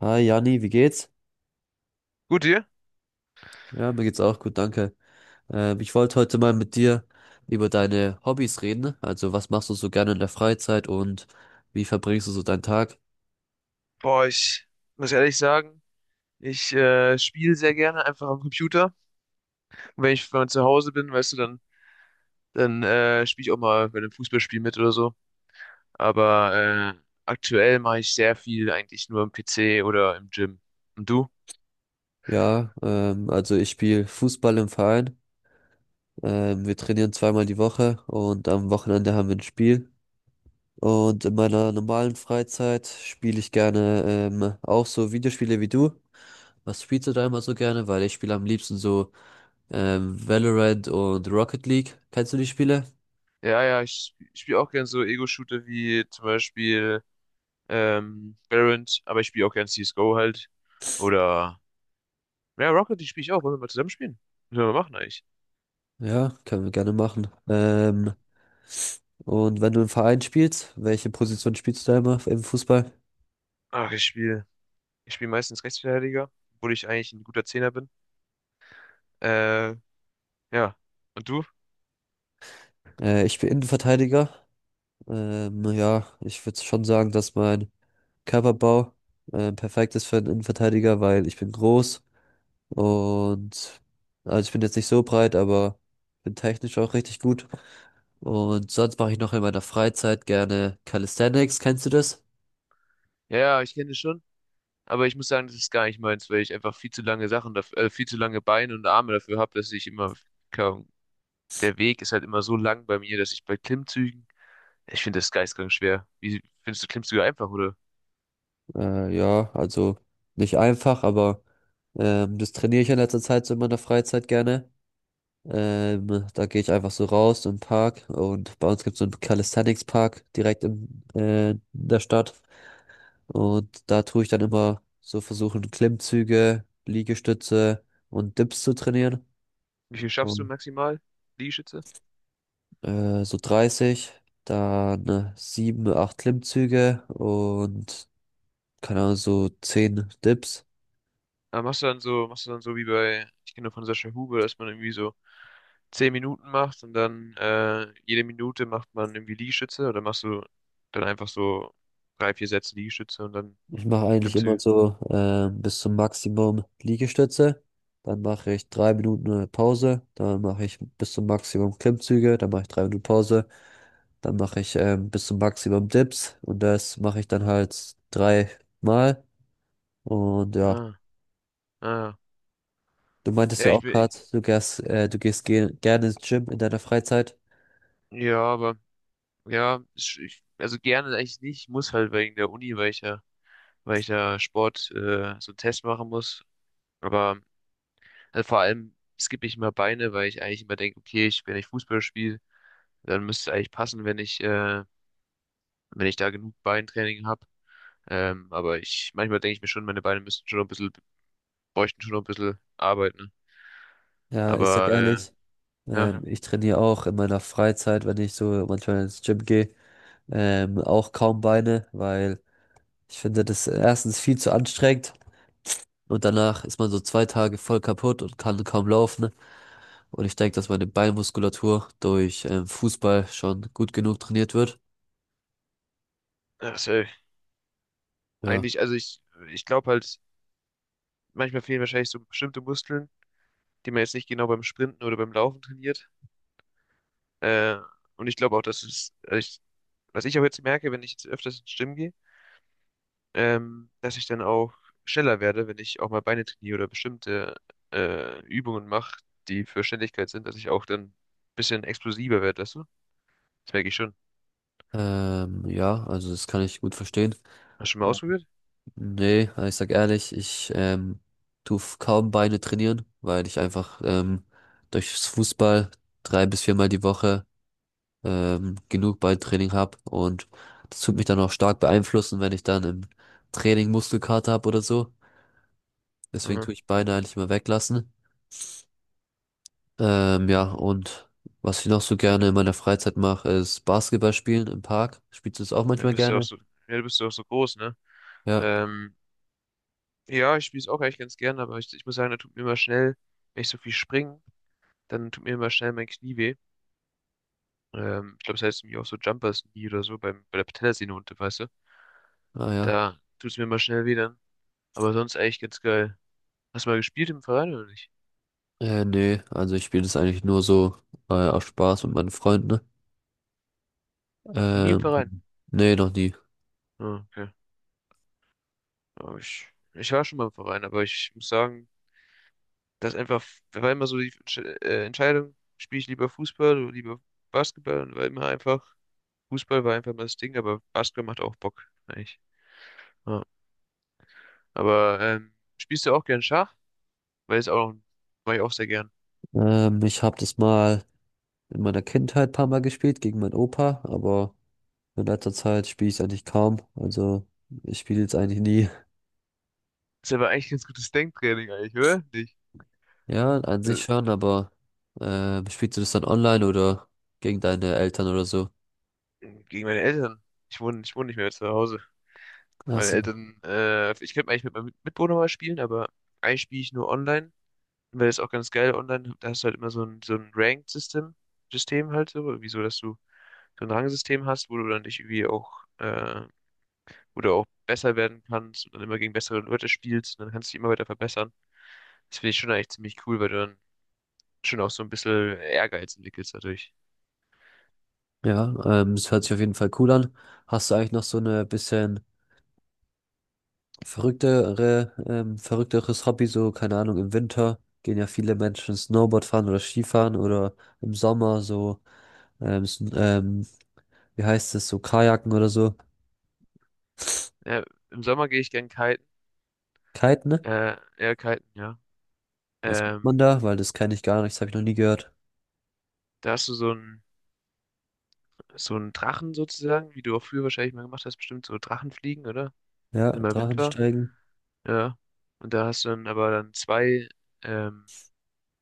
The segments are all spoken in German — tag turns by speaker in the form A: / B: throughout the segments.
A: Hi Jani, wie geht's?
B: Gut, dir?
A: Ja, mir geht's auch gut, danke. Ich wollte heute mal mit dir über deine Hobbys reden. Also, was machst du so gerne in der Freizeit und wie verbringst du so deinen Tag?
B: Boah, ich muss ehrlich sagen, ich spiele sehr gerne einfach am Computer. Und wenn ich mal zu Hause bin, weißt du, dann spiele ich auch mal bei einem Fußballspiel mit oder so. Aber äh, aktuell mache ich sehr viel eigentlich nur am PC oder im Gym. Und du?
A: Ja, also ich spiele Fußball im Verein. Wir trainieren zweimal die Woche und am Wochenende haben wir ein Spiel. Und in meiner normalen Freizeit spiele ich gerne auch so Videospiele wie du. Was spielst du da immer so gerne? Weil ich spiele am liebsten so Valorant und Rocket League. Kennst du die Spiele?
B: Ja, ja, ich spiele auch gern so Ego-Shooter wie zum Beispiel Valorant, aber ich spiele auch gern CSGO halt. Oder, ja, Rocket League spiele ich auch. Wollen wir mal zusammen spielen? Was sollen wir machen eigentlich?
A: Ja, können wir gerne machen. Und wenn du im Verein spielst, welche Position spielst du da immer im Fußball?
B: Ach, Ich spiele meistens Rechtsverteidiger, obwohl ich eigentlich ein guter Zehner bin. Äh, ja. Und du?
A: Ich bin Innenverteidiger. Ja, ich würde schon sagen, dass mein Körperbau perfekt ist für einen Innenverteidiger, weil ich bin groß und also ich bin jetzt nicht so breit, aber bin technisch auch richtig gut. Und sonst mache ich noch in meiner Freizeit gerne Calisthenics. Kennst du das?
B: Ja, ja, ich kenne das schon. Aber ich muss sagen, das ist gar nicht meins, weil ich einfach viel zu lange Beine und Arme dafür habe, dass ich immer, keine Ahnung, der Weg ist halt immer so lang bei mir, dass ich bei Klimmzügen, ich finde das geisteskrank schwer. Wie findest du Klimmzüge einfach, oder?
A: Ja, also nicht einfach, aber das trainiere ich in letzter Zeit so in meiner Freizeit gerne. Da gehe ich einfach so raus im Park und bei uns gibt es so einen Calisthenics-Park direkt in der Stadt. Und da tue ich dann immer so versuchen, Klimmzüge, Liegestütze und Dips zu trainieren.
B: Wie viel schaffst du
A: Und,
B: maximal, Liegestütze?
A: so 30, dann 7, 8 Klimmzüge und keine Ahnung, so 10 Dips.
B: Aber machst du dann so wie bei, ich kenne nur von Sascha Huber, dass man irgendwie so 10 Minuten macht und dann jede Minute macht man irgendwie Liegestütze oder machst du dann einfach so drei, vier Sätze Liegestütze und dann
A: Ich mache eigentlich immer
B: Klimmzüge?
A: so bis zum Maximum Liegestütze. Dann mache ich 3 Minuten eine Pause. Dann mache ich bis zum Maximum Klimmzüge. Dann mache ich drei Minuten Pause. Dann mache ich bis zum Maximum Dips. Und das mache ich dann halt dreimal. Und ja,
B: Ah, ah.
A: du meintest
B: Ja,
A: ja
B: ich
A: auch
B: bin,
A: gerade, du gehst ge gerne ins Gym in deiner Freizeit.
B: ja, aber ja, also gerne eigentlich nicht. Ich muss halt wegen der Uni, weil ich ja Sport so einen Test machen muss. Aber Also vor allem skippe ich immer Beine, weil ich eigentlich immer denke, okay, ich, wenn ich Fußball spiele, dann müsste es eigentlich passen, wenn ich da genug Beintraining habe. Aber ich, manchmal denke ich mir schon, meine Beine müssten schon noch ein bisschen, bräuchten schon noch ein bisschen arbeiten.
A: Ja, ich sag
B: Aber
A: ehrlich,
B: ja,
A: ich trainiere auch in meiner Freizeit, wenn ich so manchmal ins Gym gehe, auch kaum Beine, weil ich finde das erstens viel zu anstrengend und danach ist man so 2 Tage voll kaputt und kann kaum laufen, ne? Und ich denke, dass meine Beinmuskulatur durch Fußball schon gut genug trainiert wird.
B: also
A: Ja.
B: eigentlich, also ich glaube halt, manchmal fehlen wahrscheinlich so bestimmte Muskeln, die man jetzt nicht genau beim Sprinten oder beim Laufen trainiert. Äh, und ich glaube auch, dass es, also ich, was ich auch jetzt merke, wenn ich jetzt öfters ins Gym gehe, dass ich dann auch schneller werde, wenn ich auch mal Beine trainiere oder bestimmte Übungen mache, die für Schnelligkeit sind, dass ich auch dann ein bisschen explosiver werde, weißt du? Das merke ich schon.
A: Ja, also das kann ich gut verstehen.
B: Hast du schon mal
A: Ja.
B: ausprobiert?
A: Nee, also ich sag ehrlich, ich tu kaum Beine trainieren, weil ich einfach durchs Fußball 3 bis 4 Mal die Woche genug Beintraining habe und das tut mich dann auch stark beeinflussen, wenn ich dann im Training Muskelkater habe oder so. Deswegen
B: Aha.
A: tue ich Beine eigentlich immer weglassen. Ja, und was ich noch so gerne in meiner Freizeit mache, ist Basketball spielen im Park. Spielst du das auch
B: Ja,
A: manchmal
B: bist ja auch
A: gerne?
B: so, ja, du bist ja auch so groß, ne?
A: Ja,
B: Ähm, ja, ich spiele es auch eigentlich ganz gern, aber ich muss sagen, da tut mir immer schnell, wenn ich so viel springe, dann tut mir immer schnell mein Knie weh. Ich glaube, es das heißt irgendwie auch so Jumpers Knee oder so bei der Patellasehne unten, weißt du?
A: ah ja.
B: Da tut es mir immer schnell weh dann. Aber sonst eigentlich ganz geil. Hast du mal gespielt im Verein oder nicht?
A: Nee, also ich spiele das eigentlich nur so aus Spaß mit meinen Freunden, ne?
B: Noch nie im Verein.
A: Ähm, Nee, noch nie.
B: Ah, okay. Aber ich war schon mal im Verein, aber ich muss sagen, das einfach, war immer so die Entscheidung, spiele ich lieber Fußball oder lieber Basketball, und war immer einfach, Fußball war einfach mal das Ding, aber Basketball macht auch Bock, eigentlich. Ja. Aber spielst du auch gern Schach? Weil es auch, mache ich auch sehr gern.
A: Ich habe das mal in meiner Kindheit ein paar Mal gespielt gegen meinen Opa, aber in letzter Zeit spiele ich eigentlich kaum. Also ich spiele jetzt eigentlich nie.
B: Ist aber eigentlich ein ganz gutes Denktraining eigentlich, oder? Nicht?
A: Ja, an
B: Äh,
A: sich schon, aber spielst du das dann online oder gegen deine Eltern oder so?
B: Gegen meine Eltern. Ich wohne nicht mehr zu Hause.
A: Achso.
B: Ich könnte eigentlich mit meinem Mitbewohner mal spielen, aber eigentlich spiele ich nur online, weil das ist auch ganz geil online. Da hast du halt immer so ein Ranked-System, System halt so, irgendwie so, dass du so ein Rangsystem hast, wo du auch besser werden kannst und dann immer gegen bessere Leute spielst und dann kannst du dich immer weiter verbessern. Das finde ich schon eigentlich ziemlich cool, weil du dann schon auch so ein bisschen Ehrgeiz entwickelst dadurch.
A: Ja, es hört sich auf jeden Fall cool an. Hast du eigentlich noch so eine bisschen verrückteres Hobby, so, keine Ahnung, im Winter gehen ja viele Menschen Snowboard fahren oder Skifahren oder im Sommer so, ähm, s- ähm, wie heißt es, so Kajaken oder so.
B: Ja, im Sommer gehe ich gern kiten,
A: Kiten, ne?
B: eher kiten, ja.
A: Was macht
B: Ähm,
A: man da? Weil das kenne ich gar nicht, das habe ich noch nie gehört.
B: Da hast du so einen Drachen sozusagen, wie du auch früher wahrscheinlich mal gemacht hast, bestimmt so Drachenfliegen oder?
A: Ja,
B: Wenn mal Wind war.
A: Drachensteigen.
B: Ja. Und da hast du dann aber dann ähm,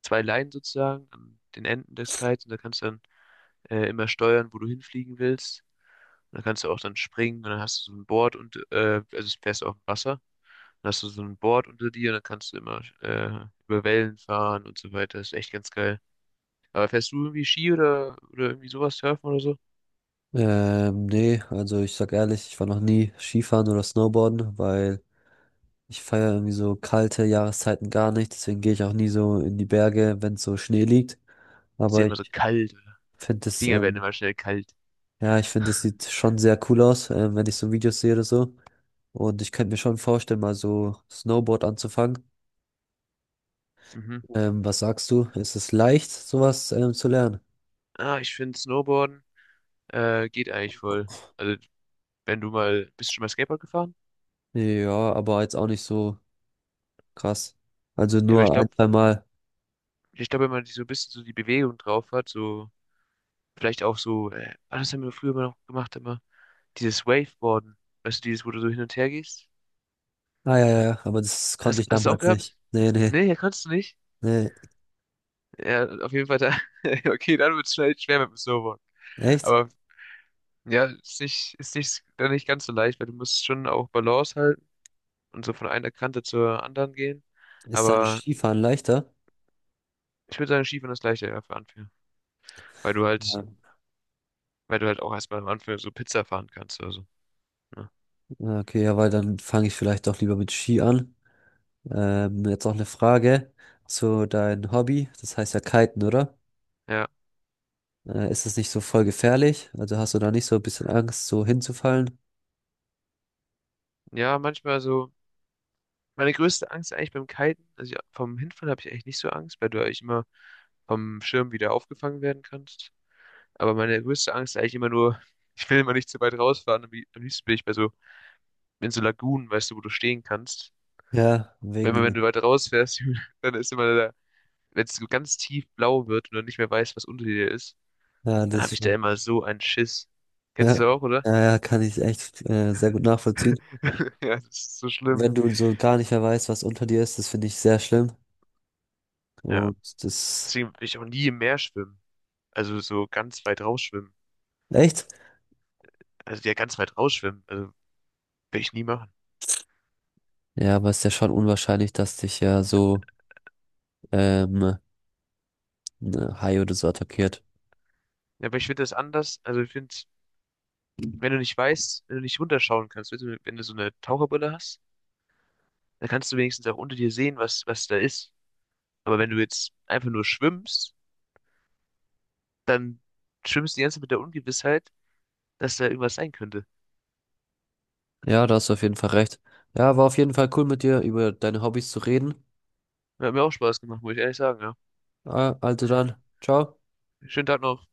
B: zwei Leinen sozusagen an den Enden des Kites und da kannst du dann immer steuern, wo du hinfliegen willst. Und dann kannst du auch dann springen und dann hast du so ein Board und also es fährst auf dem Wasser. Dann hast du so ein Board unter dir und dann kannst du immer über Wellen fahren und so weiter. Das ist echt ganz geil. Aber fährst du irgendwie Ski oder irgendwie sowas, Surfen oder so?
A: Nee, also ich sag ehrlich, ich war noch nie Skifahren oder Snowboarden, weil ich feiere irgendwie so kalte Jahreszeiten gar nicht. Deswegen gehe ich auch nie so in die Berge, wenn so Schnee liegt.
B: Ist dir
A: Aber
B: immer
A: ich
B: so kalt.
A: finde es,
B: Finger werden immer schnell kalt.
A: ja, ich finde, es sieht schon sehr cool aus, wenn ich so Videos sehe oder so. Und ich könnte mir schon vorstellen, mal so Snowboard anzufangen.
B: Mhm.
A: Was sagst du? Ist es leicht, sowas zu lernen?
B: Ah, ich finde Snowboarden geht eigentlich voll. Also, wenn du mal, bist du schon mal Skateboard gefahren?
A: Ja, aber jetzt auch nicht so krass. Also
B: Ja, aber ich
A: nur ein,
B: glaube,
A: zwei Mal.
B: ich glaube, wenn man die so ein bisschen so die Bewegung drauf hat, so vielleicht auch das haben wir früher immer noch gemacht, immer dieses Waveboarden. Weißt du, dieses, wo du so hin und her gehst?
A: Ah ja, ja, ja, aber das konnte
B: Hast,
A: ich
B: hast du auch
A: damals nicht.
B: gehabt?
A: Nee, nee,
B: Nee, ja, kannst du nicht.
A: nee.
B: Ja, auf jeden Fall da. Okay, dann wird es schnell schwer mit dem Snowboard.
A: Echt?
B: Aber ja, ist nicht, dann nicht ganz so leicht, weil du musst schon auch Balance halten und so von einer Kante zur anderen gehen.
A: Ist dann
B: Aber
A: Skifahren leichter?
B: ich würde sagen, Skifahren ist leichter, ja, für Anfänger. Weil du halt,
A: Ja.
B: weil du halt auch erstmal am Anfang so Pizza fahren kannst oder so. Ne?
A: Ja, okay, ja, weil dann fange ich vielleicht doch lieber mit Ski an. Jetzt noch eine Frage zu deinem Hobby. Das heißt ja Kiten, oder?
B: Ja.
A: Ist das nicht so voll gefährlich? Also hast du da nicht so ein bisschen Angst, so hinzufallen?
B: Ja, manchmal so. Meine größte Angst eigentlich beim Kiten, also ich, vom Hinfall habe ich eigentlich nicht so Angst, weil du eigentlich immer vom Schirm wieder aufgefangen werden kannst. Aber meine größte Angst ist eigentlich immer nur, ich will immer nicht zu weit rausfahren. Am liebsten bin ich in so Lagunen, weißt du, wo du stehen kannst.
A: Ja,
B: Wenn
A: wegen,
B: du weit rausfährst, dann ist immer wenn es so ganz tief blau wird und du nicht mehr weißt, was unter dir ist,
A: ja,
B: dann
A: das
B: habe ich da
A: schon.
B: immer so einen Schiss. Kennst
A: Ja,
B: du das auch, oder?
A: ja, ja, kann ich echt sehr gut nachvollziehen.
B: Ja, das ist so schlimm.
A: Wenn du so gar nicht mehr weißt, was unter dir ist, das finde ich sehr schlimm.
B: Ja,
A: Und das,
B: deswegen will ich auch nie im Meer schwimmen. Also so ganz weit rausschwimmen.
A: echt?
B: Also ja, ganz weit rausschwimmen. Also will ich nie machen.
A: Ja, aber ist ja schon unwahrscheinlich, dass dich ja so ähm, ein Hai oder so attackiert.
B: Ja, aber ich finde das anders. Also ich finde, wenn du nicht weißt, wenn du nicht runterschauen kannst, weißt du, wenn du so eine Taucherbrille hast, dann kannst du wenigstens auch unter dir sehen, was da ist. Aber wenn du jetzt einfach nur schwimmst, dann schwimmst du die ganze Zeit mit der Ungewissheit, dass da irgendwas sein könnte.
A: Ja, da hast du auf jeden Fall recht. Ja, war auf jeden Fall cool mit dir über deine Hobbys zu reden.
B: Hat mir auch Spaß gemacht, muss ich ehrlich sagen, ja.
A: Ah, also dann, ciao.
B: Schönen Tag noch.